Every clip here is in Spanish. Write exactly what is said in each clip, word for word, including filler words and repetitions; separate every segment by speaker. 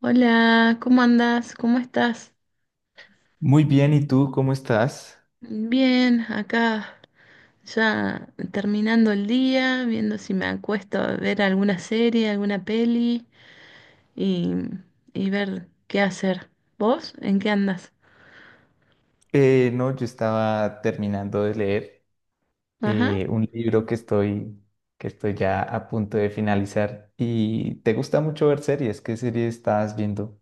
Speaker 1: Hola, ¿cómo andas? ¿Cómo estás?
Speaker 2: Muy bien, ¿y tú cómo estás?
Speaker 1: Bien, acá ya terminando el día, viendo si me acuesto a ver alguna serie, alguna peli y, y ver qué hacer. ¿Vos? ¿En qué andas?
Speaker 2: Eh, no, yo estaba terminando de leer
Speaker 1: Ajá.
Speaker 2: eh, un libro que estoy, que estoy ya a punto de finalizar. ¿Y te gusta mucho ver series? ¿Qué serie estabas viendo?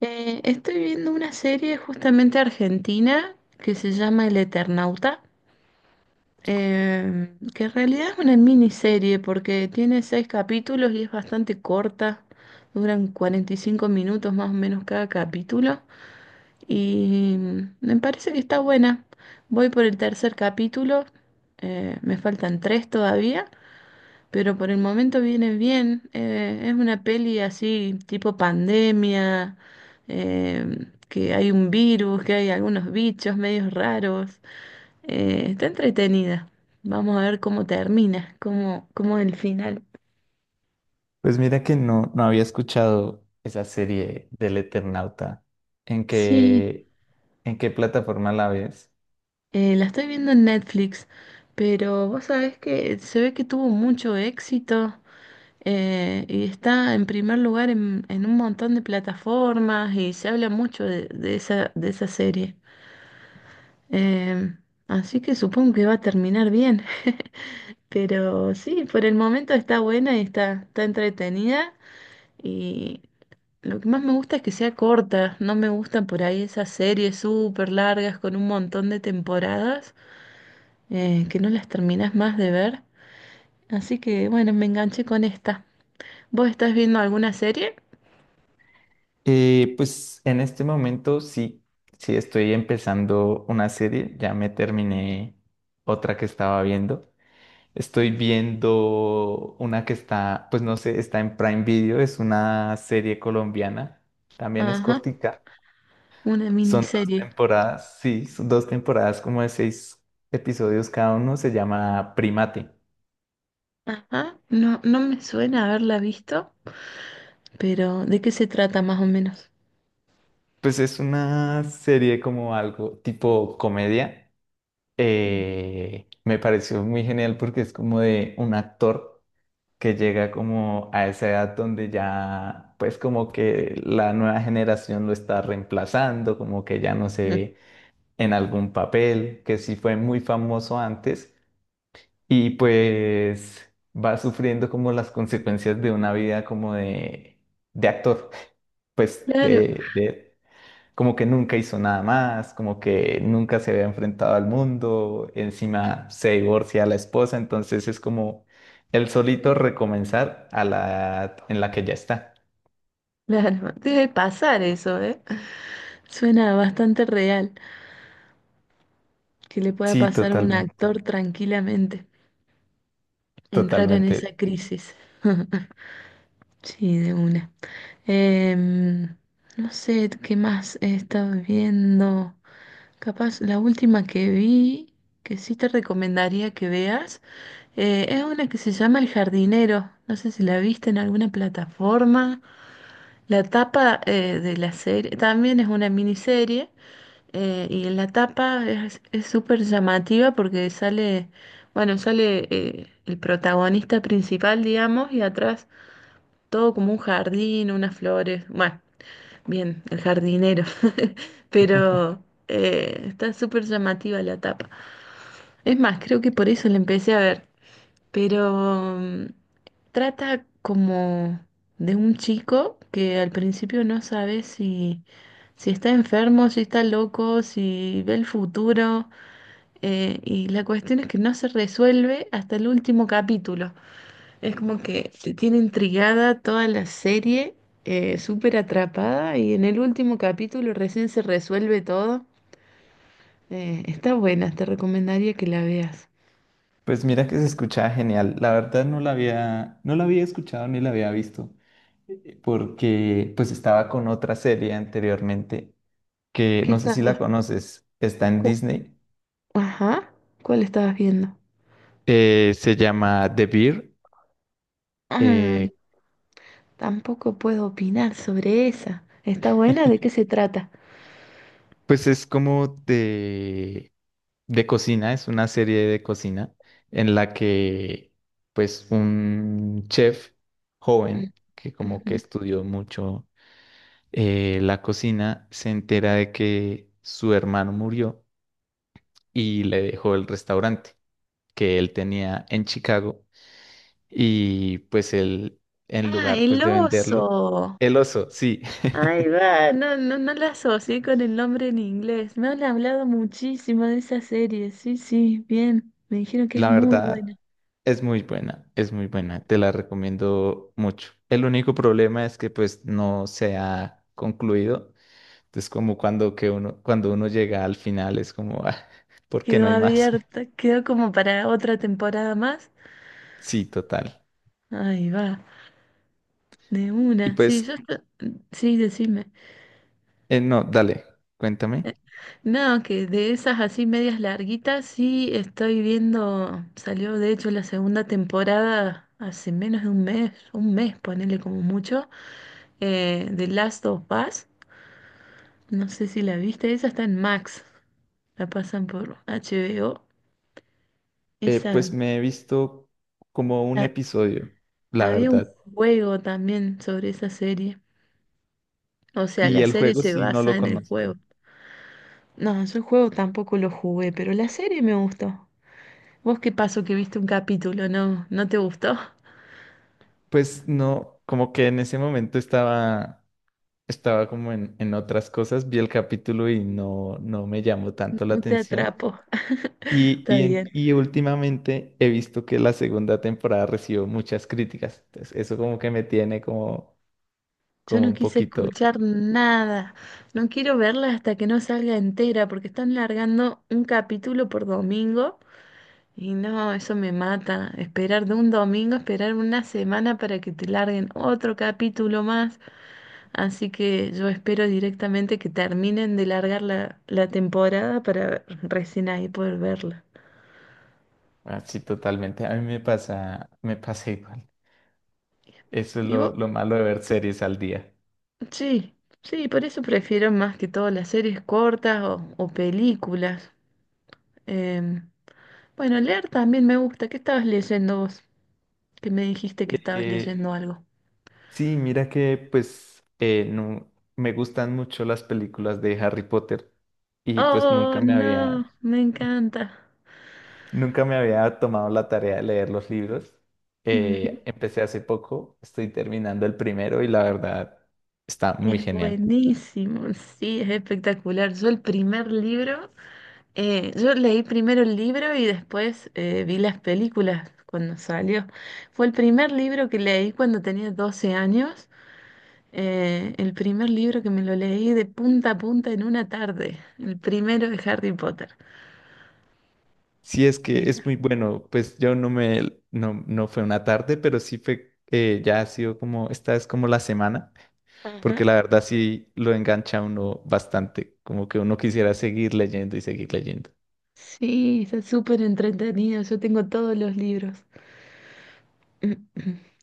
Speaker 1: Eh, estoy viendo una serie justamente argentina que se llama El Eternauta, eh, que en realidad es una miniserie porque tiene seis capítulos y es bastante corta, duran cuarenta y cinco minutos más o menos cada capítulo. Y me parece que está buena. Voy por el tercer capítulo. Eh, me faltan tres todavía, pero por el momento viene bien. Eh, es una peli así, tipo pandemia, eh, que hay un virus, que hay algunos bichos medios raros. Eh, está entretenida. Vamos a ver cómo termina, cómo, cómo es el final.
Speaker 2: Pues mira que no, no había escuchado esa serie del Eternauta. ¿En
Speaker 1: Sí,
Speaker 2: qué, ¿En qué plataforma la ves?
Speaker 1: eh, la estoy viendo en Netflix, pero vos sabés que se ve que tuvo mucho éxito. Eh, y está en primer lugar en, en un montón de plataformas y se habla mucho de, de esa, de esa serie. Eh, Así que supongo que va a terminar bien. Pero sí, por el momento está buena y está, está entretenida. Y lo que más me gusta es que sea corta. No me gustan por ahí esas series súper largas con un montón de temporadas eh, que no las terminas más de ver. Así que bueno, me enganché con esta. ¿Vos estás viendo alguna serie?
Speaker 2: Eh, pues en este momento sí, sí estoy empezando una serie. Ya me terminé otra que estaba viendo. Estoy viendo una que está, pues no sé, está en Prime Video, es una serie colombiana, también es
Speaker 1: Ajá.
Speaker 2: cortica.
Speaker 1: Una
Speaker 2: Son dos
Speaker 1: miniserie.
Speaker 2: temporadas, sí, son dos temporadas como de seis episodios cada uno, se llama Primate.
Speaker 1: Ajá. No, no me suena haberla visto, pero ¿de qué se trata más o menos?
Speaker 2: Pues es una serie como algo tipo comedia. Eh, me pareció muy genial porque es como de un actor, que llega como a esa edad donde ya, pues como que la nueva generación lo está reemplazando, como que ya no se
Speaker 1: Ujú.
Speaker 2: ve en algún papel, que sí fue muy famoso antes y pues va sufriendo como las consecuencias de una vida como de, de actor, pues
Speaker 1: Claro,
Speaker 2: de, de como que nunca hizo nada más, como que nunca se había enfrentado al mundo, encima se divorcia a la esposa, entonces es como el solito recomenzar a la edad en la que ya está.
Speaker 1: claro. Debe pasar eso, ¿eh? Suena bastante real que le pueda
Speaker 2: Sí,
Speaker 1: pasar a un
Speaker 2: totalmente,
Speaker 1: actor tranquilamente, entrar en esa
Speaker 2: totalmente.
Speaker 1: crisis. Sí, de una. Em, no sé qué más he estado viendo. Capaz la última que vi, que sí te recomendaría que veas, eh, es una que se llama El Jardinero. No sé si la viste en alguna plataforma. La tapa eh, de la serie también es una miniserie eh, y en la tapa es es súper llamativa porque sale, bueno, sale eh, el protagonista principal, digamos, y atrás todo como un jardín, unas flores. Bueno, bien, el jardinero. Pero eh, está súper llamativa la tapa. Es más, creo que por eso la empecé a ver. Pero mm, trata como de un chico que al principio no sabe si, si está enfermo, si está loco, si ve el futuro. Eh, y la cuestión es que no se resuelve hasta el último capítulo. Es como que te tiene intrigada toda la serie, eh, súper atrapada y en el último capítulo recién se resuelve todo. Eh, está buena, te recomendaría que la veas.
Speaker 2: Pues mira que se escuchaba genial. La verdad no la había, no la había escuchado ni la había visto, eh, porque pues estaba con otra serie anteriormente que
Speaker 1: ¿Qué
Speaker 2: no sé
Speaker 1: estás?
Speaker 2: si la conoces, está en
Speaker 1: cu-
Speaker 2: Disney,
Speaker 1: Ajá, ¿cuál estabas viendo?
Speaker 2: eh, se llama The Bear.
Speaker 1: Ah, tampoco puedo opinar sobre esa. ¿Está buena? ¿De qué se trata?
Speaker 2: Pues es como de, de cocina, es una serie de cocina en la que pues un chef
Speaker 1: Mm,
Speaker 2: joven que como
Speaker 1: ujú.
Speaker 2: que estudió mucho eh, la cocina, se entera de que su hermano murió y le dejó el restaurante que él tenía en Chicago y pues él en
Speaker 1: Ah,
Speaker 2: lugar pues
Speaker 1: el
Speaker 2: de venderlo,
Speaker 1: oso.
Speaker 2: el oso, sí.
Speaker 1: Ahí va, no, no, no la asocié con el nombre en inglés. Me han hablado muchísimo de esa serie. Sí, sí, bien. Me dijeron que es
Speaker 2: La
Speaker 1: muy buena.
Speaker 2: verdad, es muy buena, es muy buena, te la recomiendo mucho. El único problema es que pues no se ha concluido. Entonces, como cuando que uno, cuando uno llega al final es como, ah, ¿por qué no
Speaker 1: Quedó
Speaker 2: hay más?
Speaker 1: abierta, quedó como para otra temporada más.
Speaker 2: Sí, total.
Speaker 1: Ahí va, de
Speaker 2: Y
Speaker 1: una. Sí, yo
Speaker 2: pues,
Speaker 1: esto- sí, decime.
Speaker 2: eh, no, dale, cuéntame.
Speaker 1: No, que de esas así medias larguitas, sí estoy viendo. Salió de hecho la segunda temporada hace menos de un mes, un mes, ponele como mucho, eh, de Last of Us. No sé si la viste, esa está en Max, la pasan por H B O.
Speaker 2: Eh,
Speaker 1: Esa,
Speaker 2: pues me he visto como un
Speaker 1: ha-
Speaker 2: episodio, la
Speaker 1: había un
Speaker 2: verdad.
Speaker 1: juego también sobre esa serie. O sea,
Speaker 2: Y
Speaker 1: la
Speaker 2: el
Speaker 1: serie
Speaker 2: juego
Speaker 1: se
Speaker 2: sí no
Speaker 1: basa
Speaker 2: lo
Speaker 1: en el juego.
Speaker 2: conozco.
Speaker 1: No, yo el juego tampoco lo jugué, pero la serie me gustó. ¿Vos qué pasó que viste un capítulo? ¿No, no te gustó?
Speaker 2: Pues no, como que en ese momento estaba, estaba como en, en otras cosas, vi el capítulo y no, no me llamó tanto la
Speaker 1: No te
Speaker 2: atención.
Speaker 1: atrapo.
Speaker 2: Y,
Speaker 1: Está
Speaker 2: y,
Speaker 1: bien.
Speaker 2: en- y últimamente he visto que la segunda temporada recibió muchas críticas. Entonces, eso como que me tiene como,
Speaker 1: Yo
Speaker 2: como
Speaker 1: no
Speaker 2: un
Speaker 1: quise
Speaker 2: poquito
Speaker 1: escuchar nada. No quiero verla hasta que no salga entera, porque están largando un capítulo por domingo. Y no, eso me mata. Esperar de un domingo, esperar una semana para que te larguen otro capítulo más. Así que yo espero directamente que terminen de largar la, la temporada para recién ahí poder verla.
Speaker 2: así totalmente. A mí me pasa, me pasa igual. Eso es
Speaker 1: Y vos,
Speaker 2: lo, lo malo de ver series al día.
Speaker 1: sí, sí, por eso prefiero más que todo las series cortas o, o películas. Em, bueno, leer también me gusta. ¿Qué estabas leyendo vos? Que me dijiste que estabas
Speaker 2: Eh,
Speaker 1: leyendo algo.
Speaker 2: sí, mira que pues eh, no, me gustan mucho las películas de Harry Potter y pues
Speaker 1: Oh,
Speaker 2: nunca me
Speaker 1: no,
Speaker 2: había...
Speaker 1: me encanta.
Speaker 2: Nunca me había tomado la tarea de leer los libros.
Speaker 1: Ujú.
Speaker 2: Eh, empecé hace poco, estoy terminando el primero y la verdad está muy
Speaker 1: Es
Speaker 2: genial.
Speaker 1: buenísimo, sí, es espectacular. Yo el primer libro, eh, yo leí primero el libro y después eh, vi las películas cuando salió. Fue el primer libro que leí cuando tenía doce años, eh, el primer libro que me lo leí de punta a punta en una tarde, el primero de Harry Potter.
Speaker 2: Sí, es que
Speaker 1: Eh,
Speaker 2: es muy bueno, pues yo no me, no, no fue una tarde, pero sí fue, eh, ya ha sido como, esta es como la semana, porque
Speaker 1: Ajá.
Speaker 2: la verdad sí lo engancha a uno bastante, como que uno quisiera seguir leyendo y seguir leyendo.
Speaker 1: Sí, está súper entretenido, yo tengo todos los libros.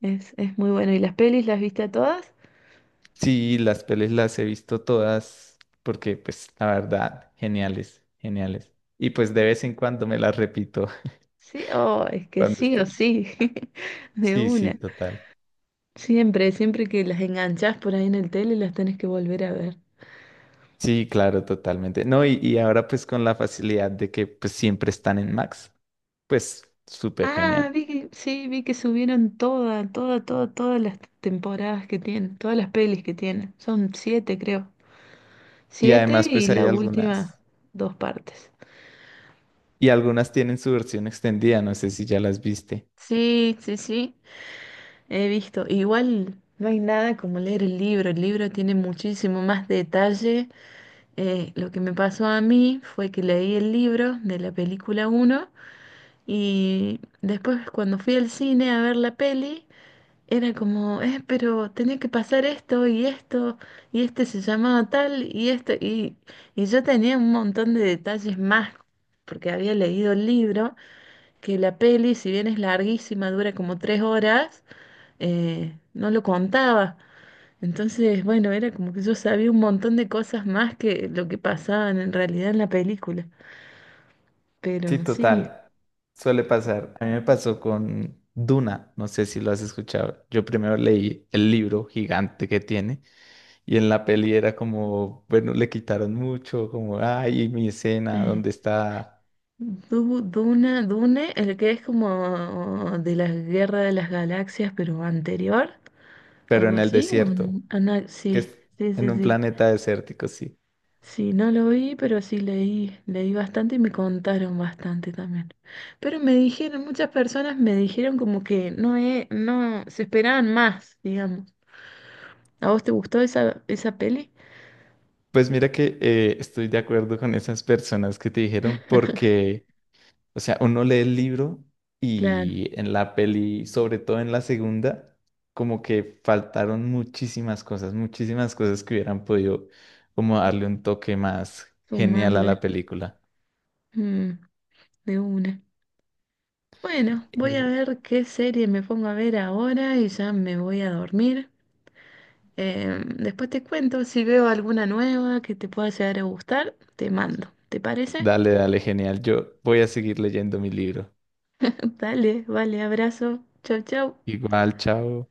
Speaker 1: Es, es muy bueno. ¿Y las pelis las viste a todas?
Speaker 2: Sí, las pelis las he visto todas, porque pues la verdad, geniales, geniales. Y pues de vez en cuando me las repito.
Speaker 1: Sí, oh, es que sí o
Speaker 2: Clandestino.
Speaker 1: sí, de
Speaker 2: Sí, sí,
Speaker 1: una.
Speaker 2: total.
Speaker 1: Siempre, siempre que las enganchás por ahí en el tele, las tenés que volver a ver.
Speaker 2: Sí, claro, totalmente. No, Y, y ahora pues con la facilidad de que pues siempre están en Max, pues súper
Speaker 1: Ah,
Speaker 2: genial.
Speaker 1: vi que, sí, vi que subieron toda, toda, toda, todas las temporadas que tienen, todas las pelis que tienen. Son siete, creo.
Speaker 2: Y
Speaker 1: Siete
Speaker 2: además
Speaker 1: y
Speaker 2: pues hay
Speaker 1: la última,
Speaker 2: algunas,
Speaker 1: dos partes.
Speaker 2: y algunas tienen su versión extendida, no sé si ya las viste.
Speaker 1: Sí, sí, sí, he visto. Igual no hay nada como leer el libro. El libro tiene muchísimo más detalle. Eh, lo que me pasó a mí fue que leí el libro de la película uno y después cuando fui al cine a ver la peli, era como, eh, pero tenía que pasar esto y esto y este se llamaba tal y esto y, y yo tenía un montón de detalles más porque había leído el libro, que la peli, si bien es larguísima, dura como tres horas, eh, no lo contaba. Entonces, bueno, era como que yo sabía un montón de cosas más que lo que pasaban en realidad en la película.
Speaker 2: Sí,
Speaker 1: Pero sí,
Speaker 2: total, suele pasar. A mí me pasó con Duna, no sé si lo has escuchado. Yo primero leí el libro gigante que tiene. Y en la peli era como, bueno, le quitaron mucho, como, ay, mi escena,
Speaker 1: eh,
Speaker 2: ¿dónde está?
Speaker 1: Du- Duna, Dune, el que es como de la Guerra de las Galaxias, pero anterior,
Speaker 2: Pero
Speaker 1: algo
Speaker 2: en el
Speaker 1: así. O
Speaker 2: desierto,
Speaker 1: n- ana-
Speaker 2: que
Speaker 1: sí,
Speaker 2: es
Speaker 1: sí,
Speaker 2: en
Speaker 1: sí,
Speaker 2: un
Speaker 1: sí.
Speaker 2: planeta desértico, sí.
Speaker 1: Sí, no lo vi, pero sí leí, leí bastante y me contaron bastante también. Pero me dijeron, muchas personas me dijeron como que no, e- no se esperaban más, digamos. ¿A vos te gustó esa, esa peli?
Speaker 2: Pues mira que eh, estoy de acuerdo con esas personas que te dijeron porque, o sea, uno lee el libro
Speaker 1: Claro,
Speaker 2: y en la peli, sobre todo en la segunda, como que faltaron muchísimas cosas, muchísimas cosas que hubieran podido como darle un toque más genial a
Speaker 1: sumarle
Speaker 2: la película.
Speaker 1: mm, de una. Bueno, voy a
Speaker 2: Eh,
Speaker 1: ver qué serie me pongo a ver ahora y ya me voy a dormir. Eh, después te cuento si veo alguna nueva que te pueda llegar a gustar, te mando. ¿Te parece?
Speaker 2: Dale, dale, genial. Yo voy a seguir leyendo mi libro.
Speaker 1: Dale, vale, abrazo. Chau, chau.
Speaker 2: Igual, chao.